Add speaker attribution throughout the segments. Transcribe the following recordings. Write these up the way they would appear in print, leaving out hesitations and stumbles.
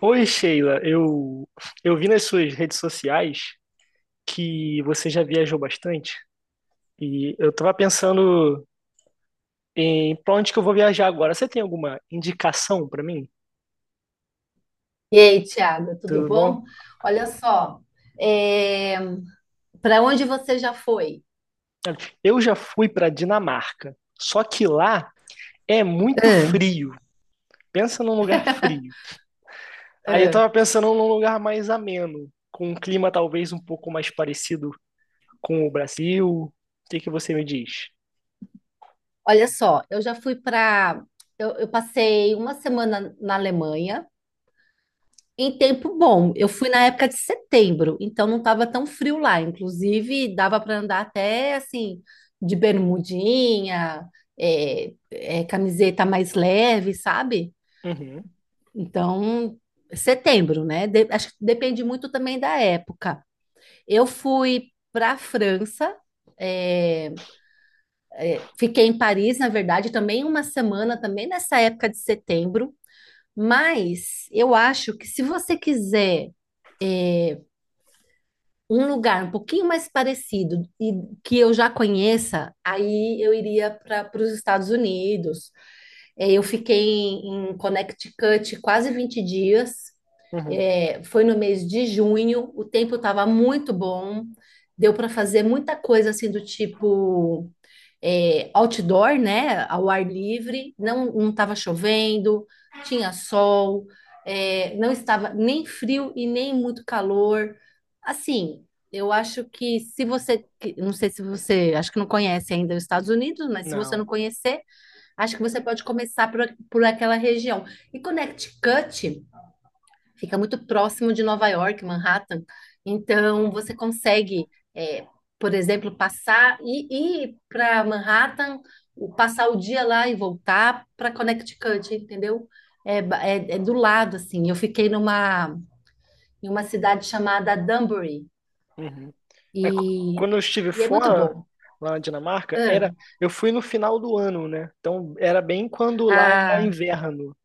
Speaker 1: Oi, Sheila. Eu vi nas suas redes sociais que você já viajou bastante e eu tava pensando em pra onde que eu vou viajar agora. Você tem alguma indicação pra mim?
Speaker 2: E aí, Tiago, tudo
Speaker 1: Tudo bom?
Speaker 2: bom? Olha só, para onde você já foi?
Speaker 1: Eu já fui pra Dinamarca, só que lá é muito
Speaker 2: Ah,
Speaker 1: frio. Pensa num lugar frio. Aí eu
Speaker 2: é.
Speaker 1: tava pensando num lugar mais ameno, com um clima talvez um pouco mais parecido com o Brasil. O que que você me diz?
Speaker 2: Olha só, eu já fui para. Eu passei uma semana na Alemanha, em tempo bom. Eu fui na época de setembro, então não estava tão frio lá. Inclusive, dava para andar até assim, de bermudinha, camiseta mais leve, sabe?
Speaker 1: Uhum,
Speaker 2: Então, setembro, né? Acho que depende muito também da época. Eu fui para a França, é, fiquei em Paris, na verdade, também uma semana, também nessa época de setembro. Mas eu acho que se você quiser é, um lugar um pouquinho mais parecido e que eu já conheça, aí eu iria para os Estados Unidos. É, eu fiquei em Connecticut quase 20 dias.
Speaker 1: uhum.
Speaker 2: É, foi no mês de junho, o tempo estava muito bom, deu para fazer muita coisa assim do tipo outdoor, né? Ao ar livre, não estava chovendo, tinha sol, não estava nem frio e nem muito calor. Assim, eu acho que se você, não sei se você, acho que não conhece ainda os Estados Unidos, mas se você
Speaker 1: Não.
Speaker 2: não conhecer, acho que você pode começar por aquela região. E Connecticut fica muito próximo de Nova York, Manhattan. Então, você consegue, é, por exemplo, passar e ir para Manhattan, passar o dia lá e voltar para Connecticut, entendeu? É, é do lado, assim. Eu fiquei numa, em uma cidade chamada Danbury
Speaker 1: Uhum. É,
Speaker 2: e,
Speaker 1: quando eu estive
Speaker 2: e é muito
Speaker 1: fora,
Speaker 2: bom.
Speaker 1: lá na Dinamarca,
Speaker 2: Ah,
Speaker 1: eu fui no final do ano, né? Então era bem quando lá era
Speaker 2: ah,
Speaker 1: inverno.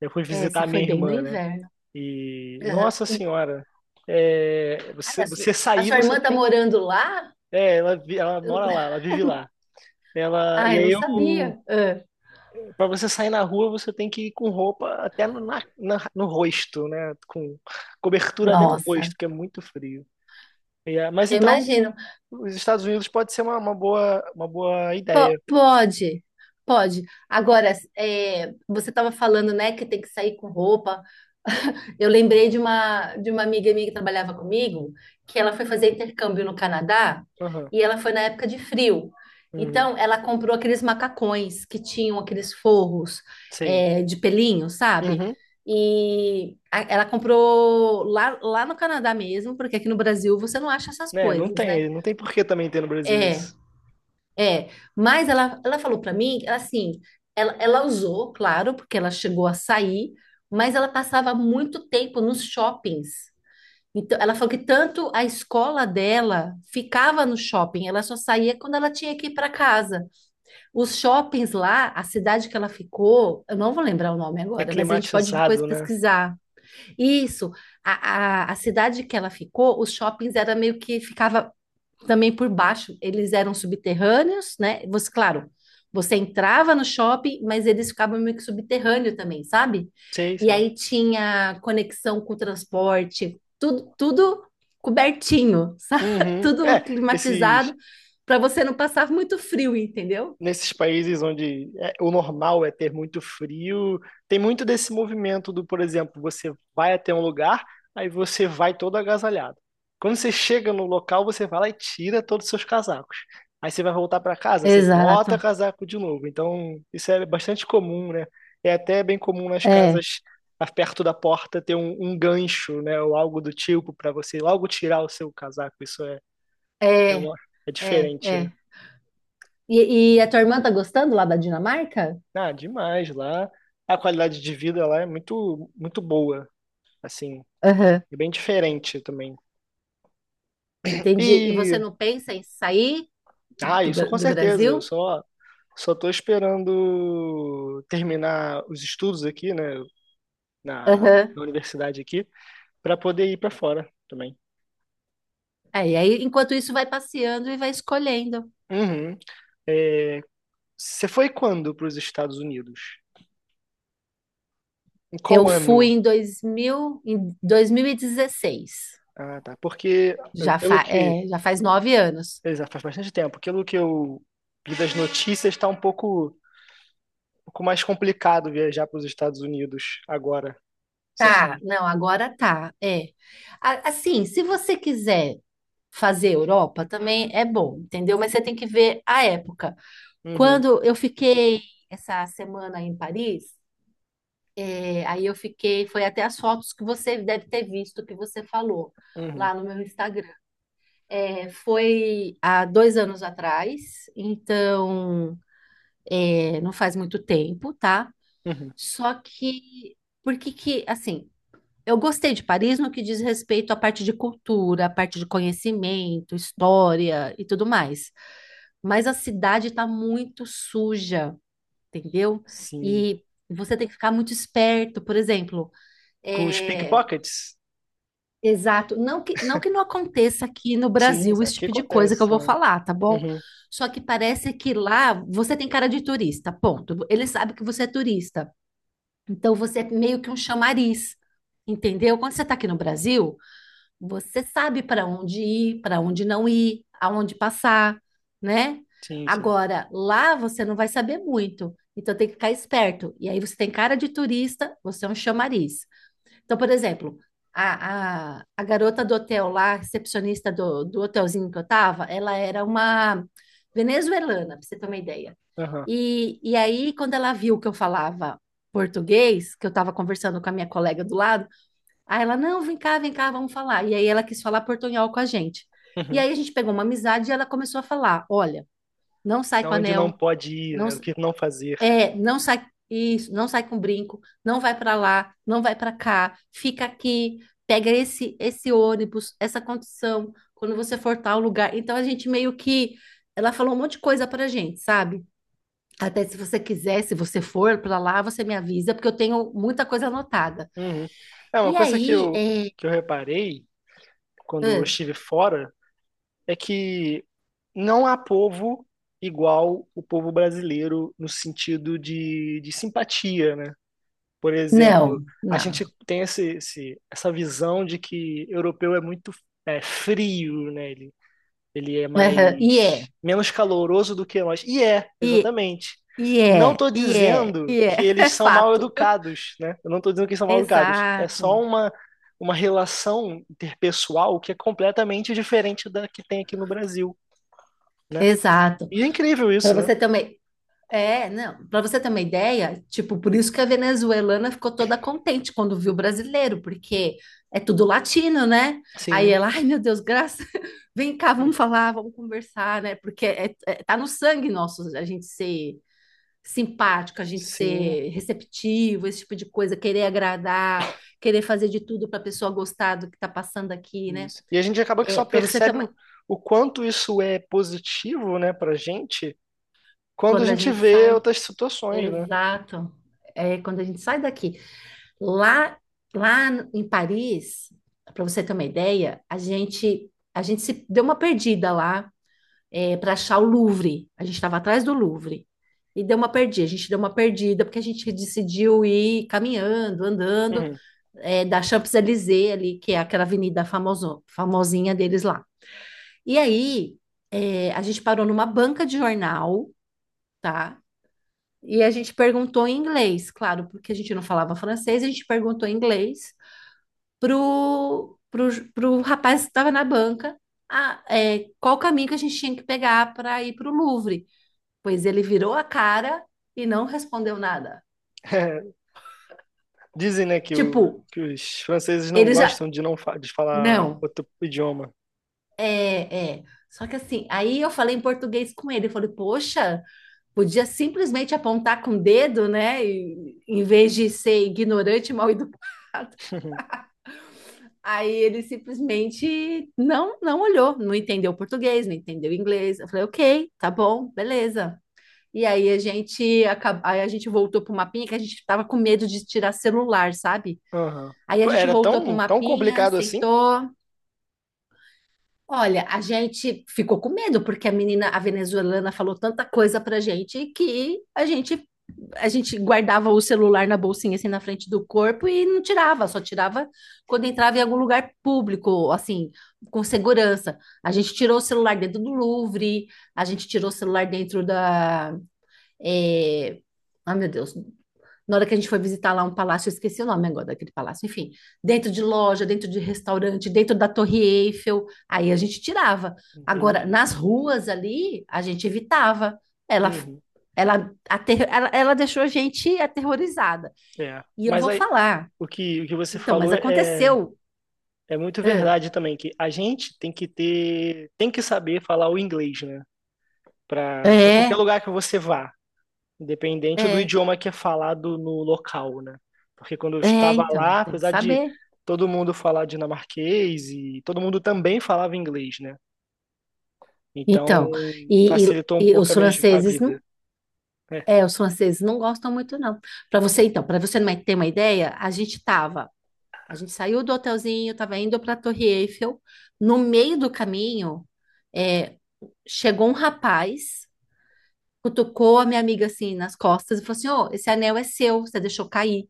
Speaker 1: Eu fui visitar
Speaker 2: você
Speaker 1: a
Speaker 2: foi
Speaker 1: minha
Speaker 2: bem no
Speaker 1: irmã, né?
Speaker 2: inverno.
Speaker 1: E, nossa
Speaker 2: Aham.
Speaker 1: senhora,
Speaker 2: Ai,
Speaker 1: você, você
Speaker 2: a
Speaker 1: sair,
Speaker 2: sua
Speaker 1: você
Speaker 2: irmã tá
Speaker 1: tem que.
Speaker 2: morando lá?
Speaker 1: É, ela, ela mora lá, ela vive lá. Ela,
Speaker 2: Ai,
Speaker 1: e
Speaker 2: eu
Speaker 1: aí
Speaker 2: não
Speaker 1: eu,
Speaker 2: sabia. Ah,
Speaker 1: para você sair na rua, você tem que ir com roupa até no rosto, né? Com cobertura até no rosto,
Speaker 2: nossa.
Speaker 1: porque é muito frio. E, mas
Speaker 2: Eu
Speaker 1: então.
Speaker 2: imagino.
Speaker 1: Os Estados Unidos pode ser uma boa ideia.
Speaker 2: Pode, pode. Agora, você estava falando, né, que tem que sair com roupa. Eu lembrei de uma amiga minha que trabalhava comigo, que ela foi fazer intercâmbio no Canadá
Speaker 1: Aham.
Speaker 2: e ela foi na época de frio.
Speaker 1: Uhum.
Speaker 2: Então, ela comprou aqueles macacões que tinham aqueles forros,
Speaker 1: Sei.
Speaker 2: de pelinho, sabe?
Speaker 1: Uhum.
Speaker 2: E ela comprou lá no Canadá mesmo, porque aqui no Brasil você não acha essas
Speaker 1: É, não
Speaker 2: coisas, né?
Speaker 1: tem, não tem por que também ter no Brasil
Speaker 2: É,
Speaker 1: isso.
Speaker 2: é, mas ela falou pra mim, ela, assim, ela usou, claro, porque ela chegou a sair, mas ela passava muito tempo nos shoppings. Então, ela falou que tanto a escola dela ficava no shopping, ela só saía quando ela tinha que ir para casa. Os shoppings lá, a cidade que ela ficou, eu não vou lembrar o nome
Speaker 1: É
Speaker 2: agora, mas a gente pode depois
Speaker 1: climatizado, né?
Speaker 2: pesquisar. Isso, a cidade que ela ficou, os shoppings era meio que ficava também por baixo. Eles eram subterrâneos, né? Você, claro, você entrava no shopping, mas eles ficavam meio que subterrâneo também, sabe?
Speaker 1: Sei,
Speaker 2: E
Speaker 1: sei.
Speaker 2: aí tinha conexão com o transporte, tudo, tudo cobertinho, sabe?
Speaker 1: Uhum.
Speaker 2: Tudo
Speaker 1: É, esses
Speaker 2: climatizado para você não passar muito frio, entendeu?
Speaker 1: nesses países onde o normal é ter muito frio, tem muito desse movimento do, por exemplo, você vai até um lugar, aí você vai todo agasalhado. Quando você chega no local, você vai lá e tira todos os seus casacos. Aí você vai voltar para casa, você bota
Speaker 2: Exato.
Speaker 1: casaco de novo. Então, isso é bastante comum, né? É até bem comum nas
Speaker 2: É.
Speaker 1: casas perto da porta ter um gancho, né? Ou algo do tipo para você logo tirar o seu casaco. Isso é,
Speaker 2: É,
Speaker 1: uma- é
Speaker 2: é,
Speaker 1: diferente, né?
Speaker 2: é. E a tua irmã tá gostando lá da Dinamarca?
Speaker 1: Ah, demais lá. A qualidade de vida lá é muito, muito boa, assim,
Speaker 2: Aham.
Speaker 1: e bem diferente também.
Speaker 2: Entendi. E você
Speaker 1: E,
Speaker 2: não pensa em sair
Speaker 1: ah,
Speaker 2: do,
Speaker 1: isso com
Speaker 2: Do
Speaker 1: certeza. Eu
Speaker 2: Brasil?
Speaker 1: só tô esperando terminar os estudos aqui, né, na, na universidade aqui, para poder ir para fora também.
Speaker 2: É, e aí, enquanto isso, vai passeando e vai escolhendo.
Speaker 1: Uhum. É, você foi quando para os Estados Unidos? Em
Speaker 2: Eu
Speaker 1: qual
Speaker 2: fui
Speaker 1: ano?
Speaker 2: em 2000, em 2016.
Speaker 1: Ah, tá. Porque,
Speaker 2: Já,
Speaker 1: pelo
Speaker 2: fa
Speaker 1: que.
Speaker 2: é, já faz 9 anos.
Speaker 1: Exato, faz bastante tempo. Pelo que eu vi das notícias, está um pouco mais complicado viajar para os Estados Unidos agora. Sim.
Speaker 2: Tá, não, agora tá. É. Assim, se você quiser fazer Europa, também é bom, entendeu? Mas você tem que ver a época.
Speaker 1: Uhum,
Speaker 2: Quando eu fiquei essa semana em Paris, aí eu fiquei, foi até as fotos que você deve ter visto, que você falou
Speaker 1: uhum,
Speaker 2: lá no meu Instagram. É, foi há 2 anos atrás, então não faz muito tempo, tá?
Speaker 1: uhum.
Speaker 2: Só que, porque que, assim, eu gostei de Paris no que diz respeito à parte de cultura, à parte de conhecimento, história e tudo mais. Mas a cidade tá muito suja, entendeu?
Speaker 1: Sim.
Speaker 2: E você tem que ficar muito esperto, por exemplo,
Speaker 1: Com os
Speaker 2: é,
Speaker 1: pickpockets?
Speaker 2: exato. Não que, não que não aconteça aqui no
Speaker 1: Sim,
Speaker 2: Brasil
Speaker 1: isso
Speaker 2: esse
Speaker 1: aqui
Speaker 2: tipo de coisa que
Speaker 1: acontece
Speaker 2: eu vou
Speaker 1: também.
Speaker 2: falar, tá bom?
Speaker 1: Uhum,
Speaker 2: Só que parece que lá você tem cara de turista, ponto. Ele sabe que você é turista. Então você é meio que um chamariz, entendeu? Quando você tá aqui no Brasil, você sabe para onde ir, para onde não ir, aonde passar, né?
Speaker 1: sim, sim.
Speaker 2: Agora, lá você não vai saber muito. Então tem que ficar esperto. E aí você tem cara de turista, você é um chamariz. Então, por exemplo, a garota do hotel lá, recepcionista do hotelzinho que eu tava, ela era uma venezuelana, pra você ter uma ideia.
Speaker 1: Aham,
Speaker 2: E aí, quando ela viu que eu falava português, que eu tava conversando com a minha colega do lado, aí ela, não, vem cá, vamos falar. E aí ela quis falar portunhol com a gente. E
Speaker 1: uhum.
Speaker 2: aí a gente pegou uma amizade e ela começou a falar, olha, não sai com
Speaker 1: Então, onde não
Speaker 2: anel,
Speaker 1: pode ir,
Speaker 2: não
Speaker 1: né? O que não fazer.
Speaker 2: é, não sai isso, não sai com brinco, não vai para lá, não vai para cá, fica aqui, pega esse ônibus, essa condição, quando você for tal lugar. Então a gente meio que ela falou um monte de coisa pra gente, sabe? Até se você quiser, se você for para lá, você me avisa, porque eu tenho muita coisa anotada.
Speaker 1: Uhum. É, uma
Speaker 2: E
Speaker 1: coisa que
Speaker 2: aí,
Speaker 1: eu, que eu reparei quando eu
Speaker 2: ah,
Speaker 1: estive fora é que não há povo igual o povo brasileiro no sentido de simpatia, né? Por exemplo,
Speaker 2: não,
Speaker 1: a gente
Speaker 2: não.
Speaker 1: tem essa visão de que europeu é muito frio, né? Ele é
Speaker 2: Aham,
Speaker 1: mais menos caloroso do que nós. E
Speaker 2: e,
Speaker 1: exatamente.
Speaker 2: e
Speaker 1: Não
Speaker 2: é,
Speaker 1: estou
Speaker 2: e é,
Speaker 1: dizendo
Speaker 2: e é,
Speaker 1: que eles
Speaker 2: é
Speaker 1: são mal
Speaker 2: fato.
Speaker 1: educados, né? Eu não estou dizendo que eles são mal educados. É só
Speaker 2: Exato,
Speaker 1: uma relação interpessoal que é completamente diferente da que tem aqui no Brasil, né?
Speaker 2: exato.
Speaker 1: E é incrível
Speaker 2: Para
Speaker 1: isso, né?
Speaker 2: você também. É, não. Para você ter uma ideia, tipo, por isso que a venezuelana ficou toda contente quando viu o brasileiro, porque é tudo latino, né? Aí
Speaker 1: Sim,
Speaker 2: ela, ai meu Deus, graças, vem cá, vamos falar, vamos conversar, né? Porque é, tá no sangue nosso a gente ser simpático, a gente
Speaker 1: sim.
Speaker 2: ser receptivo, esse tipo de coisa, querer agradar, querer fazer de tudo para a pessoa gostar do que tá passando aqui, né?
Speaker 1: Isso. E a gente acaba que
Speaker 2: É,
Speaker 1: só
Speaker 2: para você ter
Speaker 1: percebe
Speaker 2: uma...
Speaker 1: o quanto isso é positivo, né, pra gente, quando a
Speaker 2: Quando a
Speaker 1: gente
Speaker 2: gente
Speaker 1: vê
Speaker 2: sai,
Speaker 1: outras situações, né?
Speaker 2: exato. É, quando a gente sai daqui. Lá, lá em Paris, para você ter uma ideia, a gente se deu uma perdida lá para achar o Louvre. A gente estava atrás do Louvre e deu uma perdida. A gente deu uma perdida porque a gente decidiu ir caminhando, andando
Speaker 1: Uhum.
Speaker 2: da Champs-Élysées ali, que é aquela avenida famoso, famosinha deles lá. E aí a gente parou numa banca de jornal, tá? E a gente perguntou em inglês, claro, porque a gente não falava francês, a gente perguntou em inglês pro rapaz que estava na banca qual caminho que a gente tinha que pegar para ir pro Louvre. Pois ele virou a cara e não respondeu nada.
Speaker 1: Dizem, né, que, o,
Speaker 2: Tipo,
Speaker 1: que os franceses não
Speaker 2: ele já.
Speaker 1: gostam de não fa- de falar
Speaker 2: Não,
Speaker 1: outro idioma.
Speaker 2: é, é. Só que assim, aí eu falei em português com ele. Eu falei, poxa, podia simplesmente apontar com o dedo, né? Em vez de ser ignorante, e mal educado. Aí ele simplesmente não, não olhou, não entendeu português, não entendeu inglês. Eu falei, ok, tá bom, beleza. Aí a gente voltou pro mapinha que a gente tava com medo de tirar celular, sabe?
Speaker 1: Aham.
Speaker 2: Aí a gente
Speaker 1: Era
Speaker 2: voltou pro
Speaker 1: tão, tão
Speaker 2: mapinha,
Speaker 1: complicado assim?
Speaker 2: sentou. Olha, a gente ficou com medo porque a menina, a venezuelana, falou tanta coisa pra gente que a gente guardava o celular na bolsinha assim na frente do corpo e não tirava, só tirava quando entrava em algum lugar público, assim, com segurança. A gente tirou o celular dentro do Louvre, a gente tirou o celular dentro da é, meu Deus, na hora que a gente foi visitar lá um palácio, eu esqueci o nome agora daquele palácio, enfim, dentro de loja, dentro de restaurante, dentro da Torre Eiffel, aí a gente tirava. Agora,
Speaker 1: Entendi.
Speaker 2: nas ruas ali, a gente evitava. Ela,
Speaker 1: Uhum.
Speaker 2: ela deixou a gente aterrorizada.
Speaker 1: É.
Speaker 2: E eu
Speaker 1: Mas
Speaker 2: vou
Speaker 1: aí,
Speaker 2: falar.
Speaker 1: o que você
Speaker 2: Então, mas
Speaker 1: falou é,
Speaker 2: aconteceu.
Speaker 1: é muito
Speaker 2: É,
Speaker 1: verdade também, que a gente tem que saber falar o inglês, né? Para qualquer
Speaker 2: é,
Speaker 1: lugar que você vá. Independente do
Speaker 2: é,
Speaker 1: idioma que é falado no local, né? Porque quando eu estava
Speaker 2: então,
Speaker 1: lá,
Speaker 2: tem que
Speaker 1: apesar de
Speaker 2: saber.
Speaker 1: todo mundo falar dinamarquês e todo mundo também falava inglês, né? Então
Speaker 2: Então, e, e-
Speaker 1: facilitou um
Speaker 2: e
Speaker 1: pouco
Speaker 2: os
Speaker 1: a
Speaker 2: franceses
Speaker 1: vida.
Speaker 2: não,
Speaker 1: É.
Speaker 2: os franceses não gostam muito, não. Para você, então, para você não ter uma ideia, A gente saiu do hotelzinho, estava indo para a Torre Eiffel. No meio do caminho, é, chegou um rapaz, cutucou a minha amiga assim nas costas e falou assim: Ô, esse anel é seu, você deixou cair.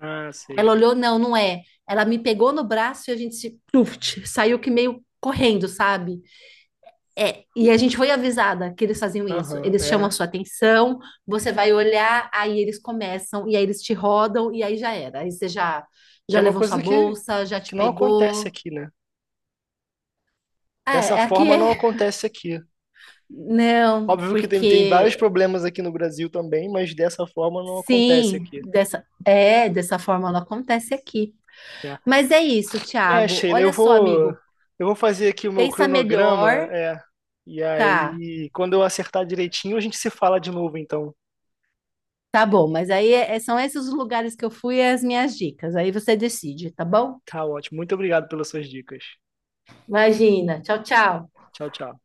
Speaker 1: Ah, sei.
Speaker 2: Ela olhou: Não, não é. Ela me pegou no braço e a gente se, pluft, saiu que meio correndo, sabe? É, e a gente foi avisada que eles faziam isso.
Speaker 1: Aham,
Speaker 2: Eles chamam a
Speaker 1: é.
Speaker 2: sua atenção, você vai olhar, aí eles começam, e aí eles te rodam, e aí já era. Aí você já,
Speaker 1: Que
Speaker 2: já
Speaker 1: é uma
Speaker 2: levou sua
Speaker 1: coisa que,
Speaker 2: bolsa, já te
Speaker 1: que não acontece
Speaker 2: pegou.
Speaker 1: aqui, né? Dessa
Speaker 2: É, é aqui
Speaker 1: forma
Speaker 2: é.
Speaker 1: não acontece aqui.
Speaker 2: Não,
Speaker 1: Óbvio que tem vários
Speaker 2: porque
Speaker 1: problemas aqui no Brasil também, mas dessa forma não acontece
Speaker 2: sim,
Speaker 1: aqui.
Speaker 2: dessa forma ela acontece aqui.
Speaker 1: É
Speaker 2: Mas é isso,
Speaker 1: É,
Speaker 2: Thiago.
Speaker 1: Sheila,
Speaker 2: Olha
Speaker 1: eu
Speaker 2: só,
Speaker 1: vou,
Speaker 2: amigo,
Speaker 1: eu vou fazer aqui o meu
Speaker 2: pensa
Speaker 1: cronograma,
Speaker 2: melhor,
Speaker 1: é. E
Speaker 2: tá?
Speaker 1: aí, quando eu acertar direitinho, a gente se fala de novo, então.
Speaker 2: Tá bom, mas aí é, são esses os lugares que eu fui e as minhas dicas. Aí você decide, tá bom?
Speaker 1: Tá ótimo. Muito obrigado pelas suas dicas.
Speaker 2: Imagina. Tchau, tchau.
Speaker 1: Tchau, tchau.